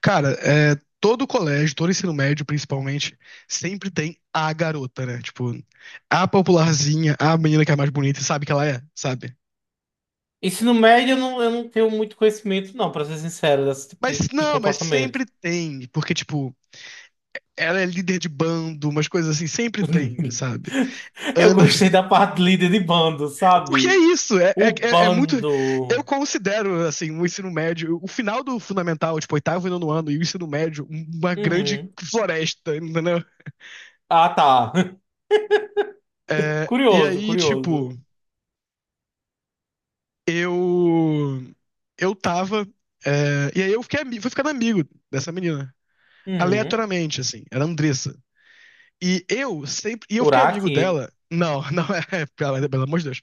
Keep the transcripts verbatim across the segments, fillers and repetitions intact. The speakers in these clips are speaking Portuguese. Cara, é, todo colégio, todo ensino médio, principalmente, sempre tem a garota, né? Tipo, a popularzinha, a menina que é mais bonita, e sabe que ela é, sabe? Ensino médio, eu não, eu não tenho muito conhecimento, não, pra ser sincero, desse tipo Mas de, de não, mas sempre comportamento. tem, porque, tipo, ela é líder de bando, umas coisas assim, sempre tem, sabe? Eu Anda. gostei da parte de líder de bando, Porque é sabe? isso, é, é, O é é muito. Eu bando. considero, assim, o ensino médio, o final do fundamental, tipo, oitavo e nono ano, e o ensino médio, uma grande Uhum. floresta, entendeu? Ah, tá. É, e Curioso, aí, tipo. curioso. Eu. Eu tava. é, e aí eu fiquei, ami- fui ficando amigo dessa menina. Uhum. Aleatoriamente, assim. Era a Andressa. E eu sempre. E eu fiquei amigo Uraki. dela. Não, não é. Pelo, pelo amor de Deus.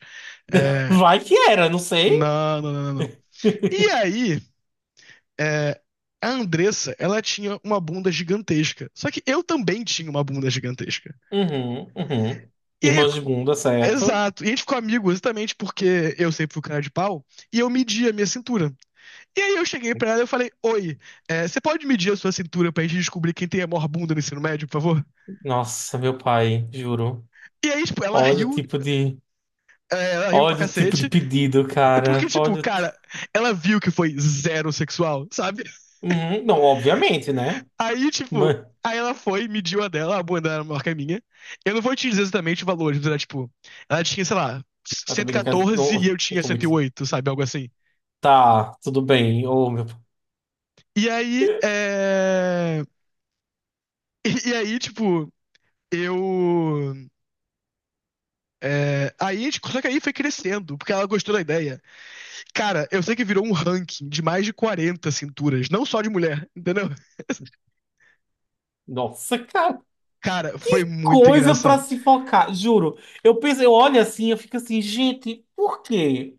É, Vai que era, não sei. não, não, não, não, não. E aí. é, a Andressa, ela tinha uma bunda gigantesca. Só que eu também tinha uma bunda gigantesca. Uhum, uhum. E aí. Irmãos de bunda, certo? Exato. E a gente ficou amigo exatamente porque eu sempre fui o cara de pau. E eu media a minha cintura. E aí eu cheguei pra ela e eu falei, oi, é, você pode medir a sua cintura pra gente descobrir quem tem a maior bunda no ensino médio, por favor? Nossa, meu pai, juro. E aí, tipo, ela Olha o riu, tipo de. é, ela riu pra Olha o tipo de cacete, pedido, porque, cara. tipo, Olha o tipo. cara, ela viu que foi zero sexual, sabe? Uhum. Não, obviamente, né? Aí, tipo, aí ela foi, mediu a dela, a bunda era maior que a minha. Eu não vou te dizer exatamente o valor, mas era, tipo, ela tinha, sei lá, Eu cento e também não quero. quatorze e Não, eu não tinha tô cento e muito. oito sabe? Algo assim. Tá, tudo bem. Oh, meu... E aí, é... E, e aí, tipo, eu... É, aí, a gente- só que aí foi crescendo, porque ela gostou da ideia. Cara, eu sei que virou um ranking de mais de quarenta cinturas, não só de mulher, entendeu? Nossa, cara, Cara, foi que muito coisa pra engraçado. se focar, juro. Eu penso, eu olho assim, eu fico assim, gente, por quê?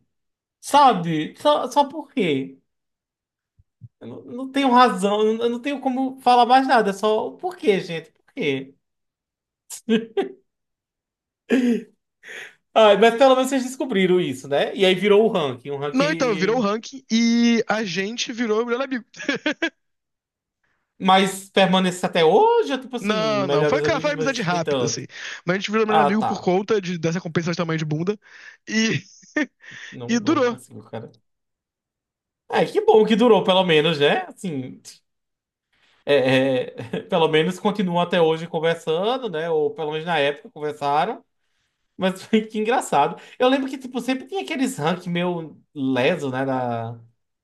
Sabe? Só, só por quê? Eu não, não tenho razão, eu não eu não tenho como falar mais nada, é só por quê, gente? Por quê? Ai, mas pelo menos vocês descobriram isso, né? E aí virou o ranking, um Não, então, virou um ranking. ranking e a gente virou melhor amigo. Mas permanece até hoje, ou tipo assim, Não, não, foi, melhores cara, foi amigos, amizade mas nem rápida, assim. tanto. Mas a gente virou melhor Ah, amigo por tá. conta de- dessa compensação de tamanho de bunda e, Não, e não durou. consigo, cara. Ah, que bom que durou, pelo menos, né? Assim, é, é, pelo menos continuam até hoje conversando, né? Ou pelo menos na época conversaram. Mas que engraçado. Eu lembro que, tipo, sempre tinha aqueles ranking meio leso, né? Da,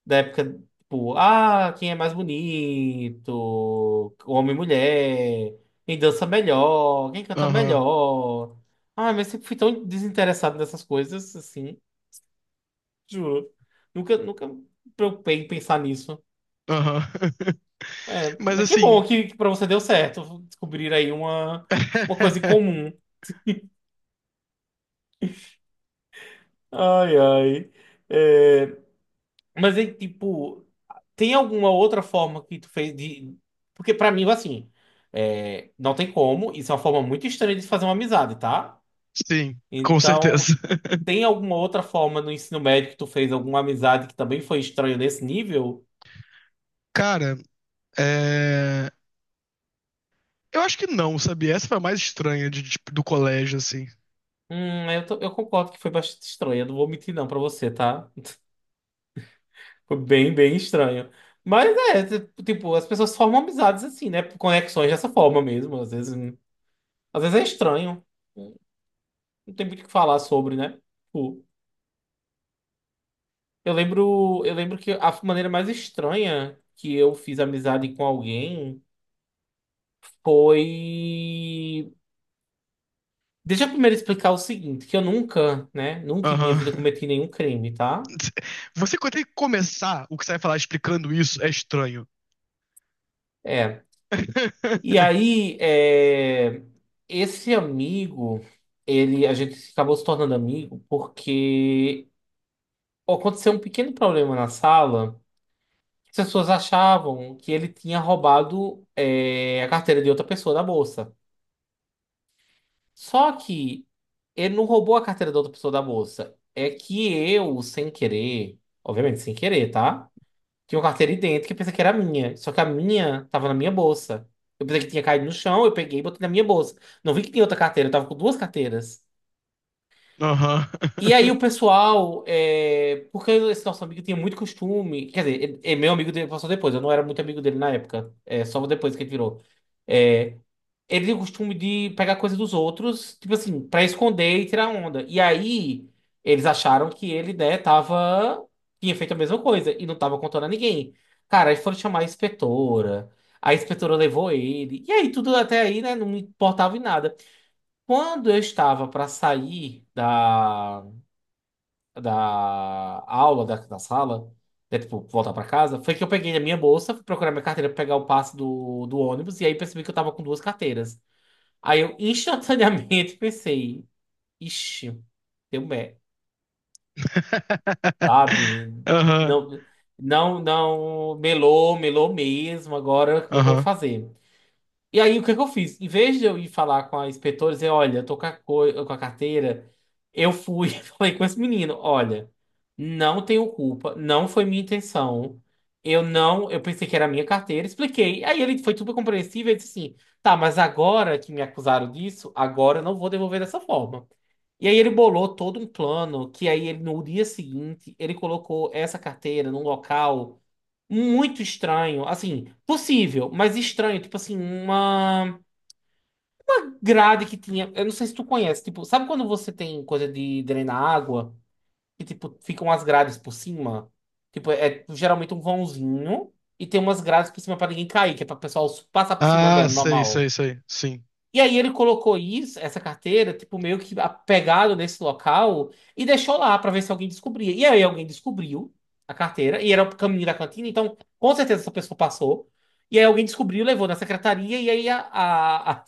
da época, tipo, ah, quem é mais bonito? Homem e mulher. Quem dança melhor? Quem canta Aham, melhor? Ah, mas eu sempre fui tão desinteressado nessas coisas, assim, juro. Nunca, nunca me preocupei em pensar nisso. aham. É, Mas mas que assim, bom que, que para você deu certo descobrir aí uma, uma coisa em comum. Ai, ai. É, mas aí, tipo, tem alguma outra forma que tu fez de. Porque pra mim, assim, é, não tem como. Isso é uma forma muito estranha de se fazer uma amizade, tá? sim, com certeza. Então, tem alguma outra forma no ensino médio que tu fez alguma amizade que também foi estranha nesse nível? Cara, é. Eu acho que não, sabia? Essa foi a mais estranha de, de- do colégio, assim. Hum, eu, tô- eu concordo que foi bastante estranha. Não vou mentir, não, pra você, tá? Foi bem, bem estranho. Mas é, t- tipo, as pessoas formam amizades assim, né? Por conexões dessa forma mesmo. Às vezes, hum, às vezes é estranho. hum, Não tem muito o que falar sobre, né? Tipo, eu lembro, eu lembro que a maneira mais estranha que eu fiz amizade com alguém foi. Deixa eu primeiro explicar o seguinte, que eu nunca, né? Nunca em minha vida Aham. cometi nenhum crime, tá? Você quando tem que começar o que você vai falar explicando isso é estranho. É, E aí, é, esse amigo, ele, a gente acabou se tornando amigo porque aconteceu um pequeno problema na sala. As pessoas achavam que ele tinha roubado, é, a carteira de outra pessoa da bolsa. Só que ele não roubou a carteira da outra pessoa da bolsa. É que eu, sem querer, obviamente sem querer, tá? Tinha uma carteira idêntica que eu pensei que era minha. Só que a minha tava na minha bolsa. Eu pensei que tinha caído no chão, eu peguei e botei na minha bolsa. Não vi que tinha outra carteira, eu tava com duas carteiras. Aham. E aí o pessoal, é, porque esse nosso amigo tinha muito costume, quer dizer, ele- é meu amigo dele passou depois, eu não era muito amigo dele na época, é só depois que ele virou. É, ele tinha o costume de pegar coisa dos outros, tipo assim, pra esconder e tirar onda. E aí eles acharam que ele, né, tava, tinha feito a mesma coisa e não tava contando a ninguém. Cara, aí foram chamar a inspetora, a inspetora levou ele, e aí tudo até aí, né, não me importava em nada. Quando eu estava pra sair da da aula, da, da sala, né, tipo, voltar pra casa, foi que eu peguei a minha bolsa, fui procurar minha carteira pra pegar o passe do, do ônibus, e aí percebi que eu tava com duas carteiras. Aí eu instantaneamente pensei, ixi, deu merda, sabe? Aham. Não, não, não, melou, melou mesmo, agora como é que eu vou Aham. fazer? E aí, o que é que eu fiz? Em vez de eu ir falar com a inspetora e dizer, olha, eu tô com a, co- com a carteira, eu fui e falei com esse menino, olha, não tenho culpa, não foi minha intenção, eu não, eu pensei que era a minha carteira, expliquei. Aí ele foi super compreensível e disse assim, tá, mas agora que me acusaram disso, agora eu não vou devolver dessa forma. E aí ele bolou todo um plano que aí ele no dia seguinte ele colocou essa carteira num local muito estranho, assim, possível, mas estranho, tipo assim, uma grade que tinha, eu não sei se tu conhece, tipo, sabe quando você tem coisa de drenar água, que tipo, ficam as grades por cima? Tipo, é geralmente um vãozinho e tem umas grades por cima pra ninguém cair, que é pra o pessoal passar por cima Ah, do sei, sei, normal. sei. Sim. E aí ele colocou isso, essa carteira, tipo, meio que pegado nesse local e deixou lá pra ver se alguém descobria. E aí alguém descobriu a carteira, e era o caminho da cantina, então com certeza essa pessoa passou. E aí alguém descobriu, levou na secretaria, e aí a, a, a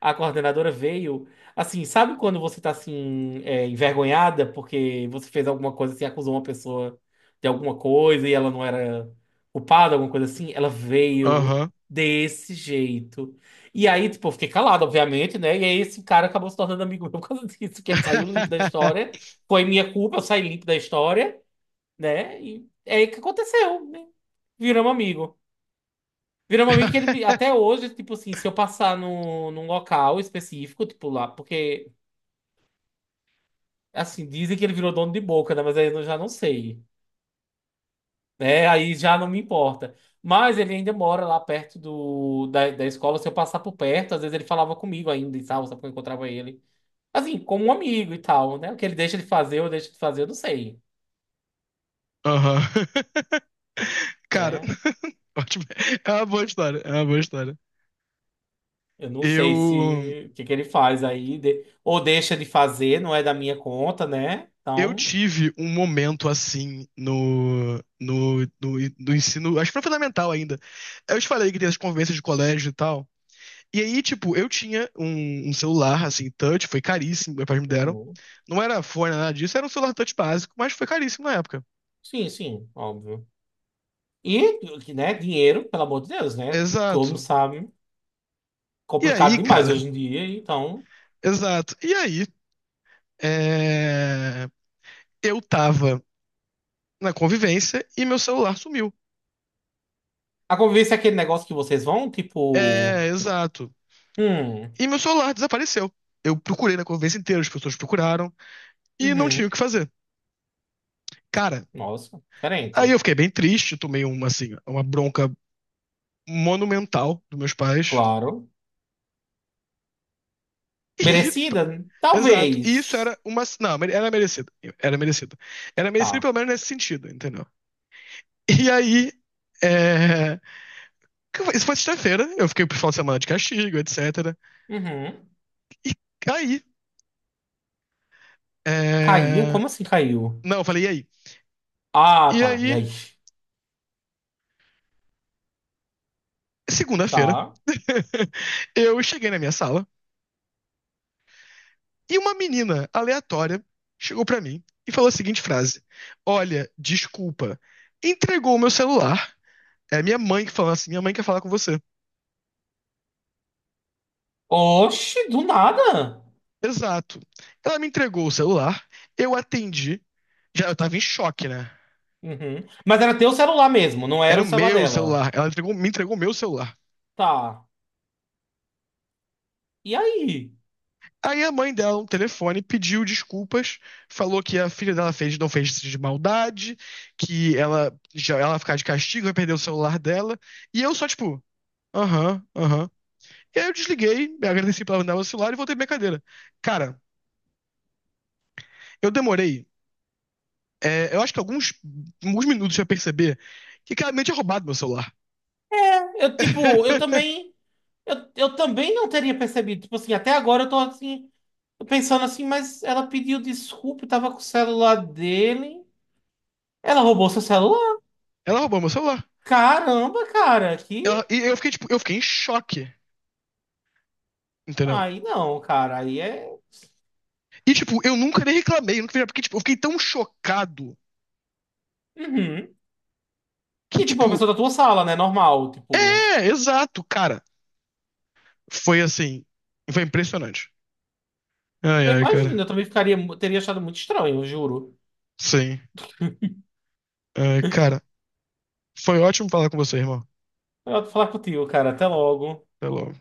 a coordenadora veio. Assim, sabe quando você tá assim, é, envergonhada porque você fez alguma coisa assim, acusou uma pessoa de alguma coisa e ela não era culpada, alguma coisa assim? Ela veio Aham. desse jeito. E aí, tipo, eu fiquei calado, obviamente, né? E aí esse cara acabou se tornando amigo meu por causa disso, porque ele saiu limpo da história. Foi minha culpa, eu saí limpo da história, né? E é aí que aconteceu, né? Viramos amigo. Virou um amigo que ele me- até hoje, tipo assim, se eu passar no, num local específico, tipo lá, porque assim, dizem que ele virou dono de boca, né? Mas aí eu já não sei. Né? Aí já não me importa. Mas ele ainda mora lá perto do, da, da escola. Se eu passar por perto, às vezes ele falava comigo ainda e tal, sabe? Quando eu encontrava ele. Assim, como um amigo e tal, né? O que ele deixa de fazer, eu deixo de fazer, eu não sei, Aham. Cara, né? ótimo. É uma boa história. É uma boa história. Eu não sei Eu. se o que que ele faz aí, de- ou deixa de fazer, não é da minha conta, né? Eu Então. tive um momento assim no, no, no, no ensino, acho que foi fundamental ainda. Eu te falei que tem as convivências de colégio e tal. E aí, tipo, eu tinha um, um celular, assim, touch, foi caríssimo, meus pais me deram. Uhum. Não era fone, nada disso, era um celular touch básico, mas foi caríssimo na época. Sim, sim, óbvio. E, que, né, dinheiro, pelo amor de Deus, né? Todo mundo Exato. sabe. E Complicado aí, demais cara, hoje em dia, então. exato. E aí, é, eu tava na convivência e meu celular sumiu. A convivência é aquele negócio que vocês vão, tipo. É, exato. Hum, E meu celular desapareceu. Eu procurei na convivência inteira, as pessoas procuraram e não tinha o uhum, que fazer. Cara, nossa, aí diferente. eu fiquei bem triste, tomei uma assim, uma bronca monumental dos meus pais. Claro. E, Merecida? exato. E isso Talvez. era uma, não, era merecido. Era merecido. Era merecido Tá. pelo menos nesse sentido, entendeu? E aí é, isso foi sexta-feira, eu fiquei pro final de semana de castigo, etcétera. Uhum. E aí, Caiu? é, Como assim caiu? não, eu falei e aí. Ah, E tá. E aí, aí? segunda-feira, Tá. eu cheguei na minha sala e uma menina aleatória chegou pra mim e falou a seguinte frase: Olha, desculpa, entregou o meu celular. É minha mãe que falou assim: Minha mãe quer falar com você. Oxe, do nada. Exato. Ela me entregou o celular, eu atendi. Já eu tava em choque, né? Uhum. Mas era teu celular mesmo, não era Era o o celular meu dela. celular. Ela entregou- me entregou o meu celular. Tá. E aí? Aí a mãe dela, no telefone, pediu desculpas, falou que a filha dela fez, não fez isso de maldade, que ela já ela vai ficar de castigo, vai perder o celular dela. E eu só, tipo, aham, aham. E aí eu desliguei, me agradeci pela janela do celular e voltei pra minha cadeira. Cara, eu demorei, é, eu acho que alguns, alguns minutos pra perceber que claramente tinha roubado meu celular. Eu, tipo, eu também. Eu, eu também não teria percebido. Tipo assim, até agora eu tô assim, pensando assim, mas ela pediu desculpa, eu tava com o celular dele. Ela roubou seu celular? Ela roubou meu celular. Caramba, cara, que. Ela- e eu fiquei, tipo, eu fiquei em choque, entendeu? Aí não, cara, aí é. E, tipo, eu nunca nem reclamei, eu nunca fiz, nada, porque, tipo, eu fiquei tão chocado Uhum. que, E tipo, é uma tipo, pessoa da tua sala, né? Normal, tipo. é, exato, cara. Foi assim, foi impressionante. Ai, Eu ai, imagino, cara. eu também ficaria, teria achado muito estranho, eu juro. Sim. Ai, cara, foi ótimo falar com você, irmão. Eu vou falar contigo, cara. Até logo. Até logo.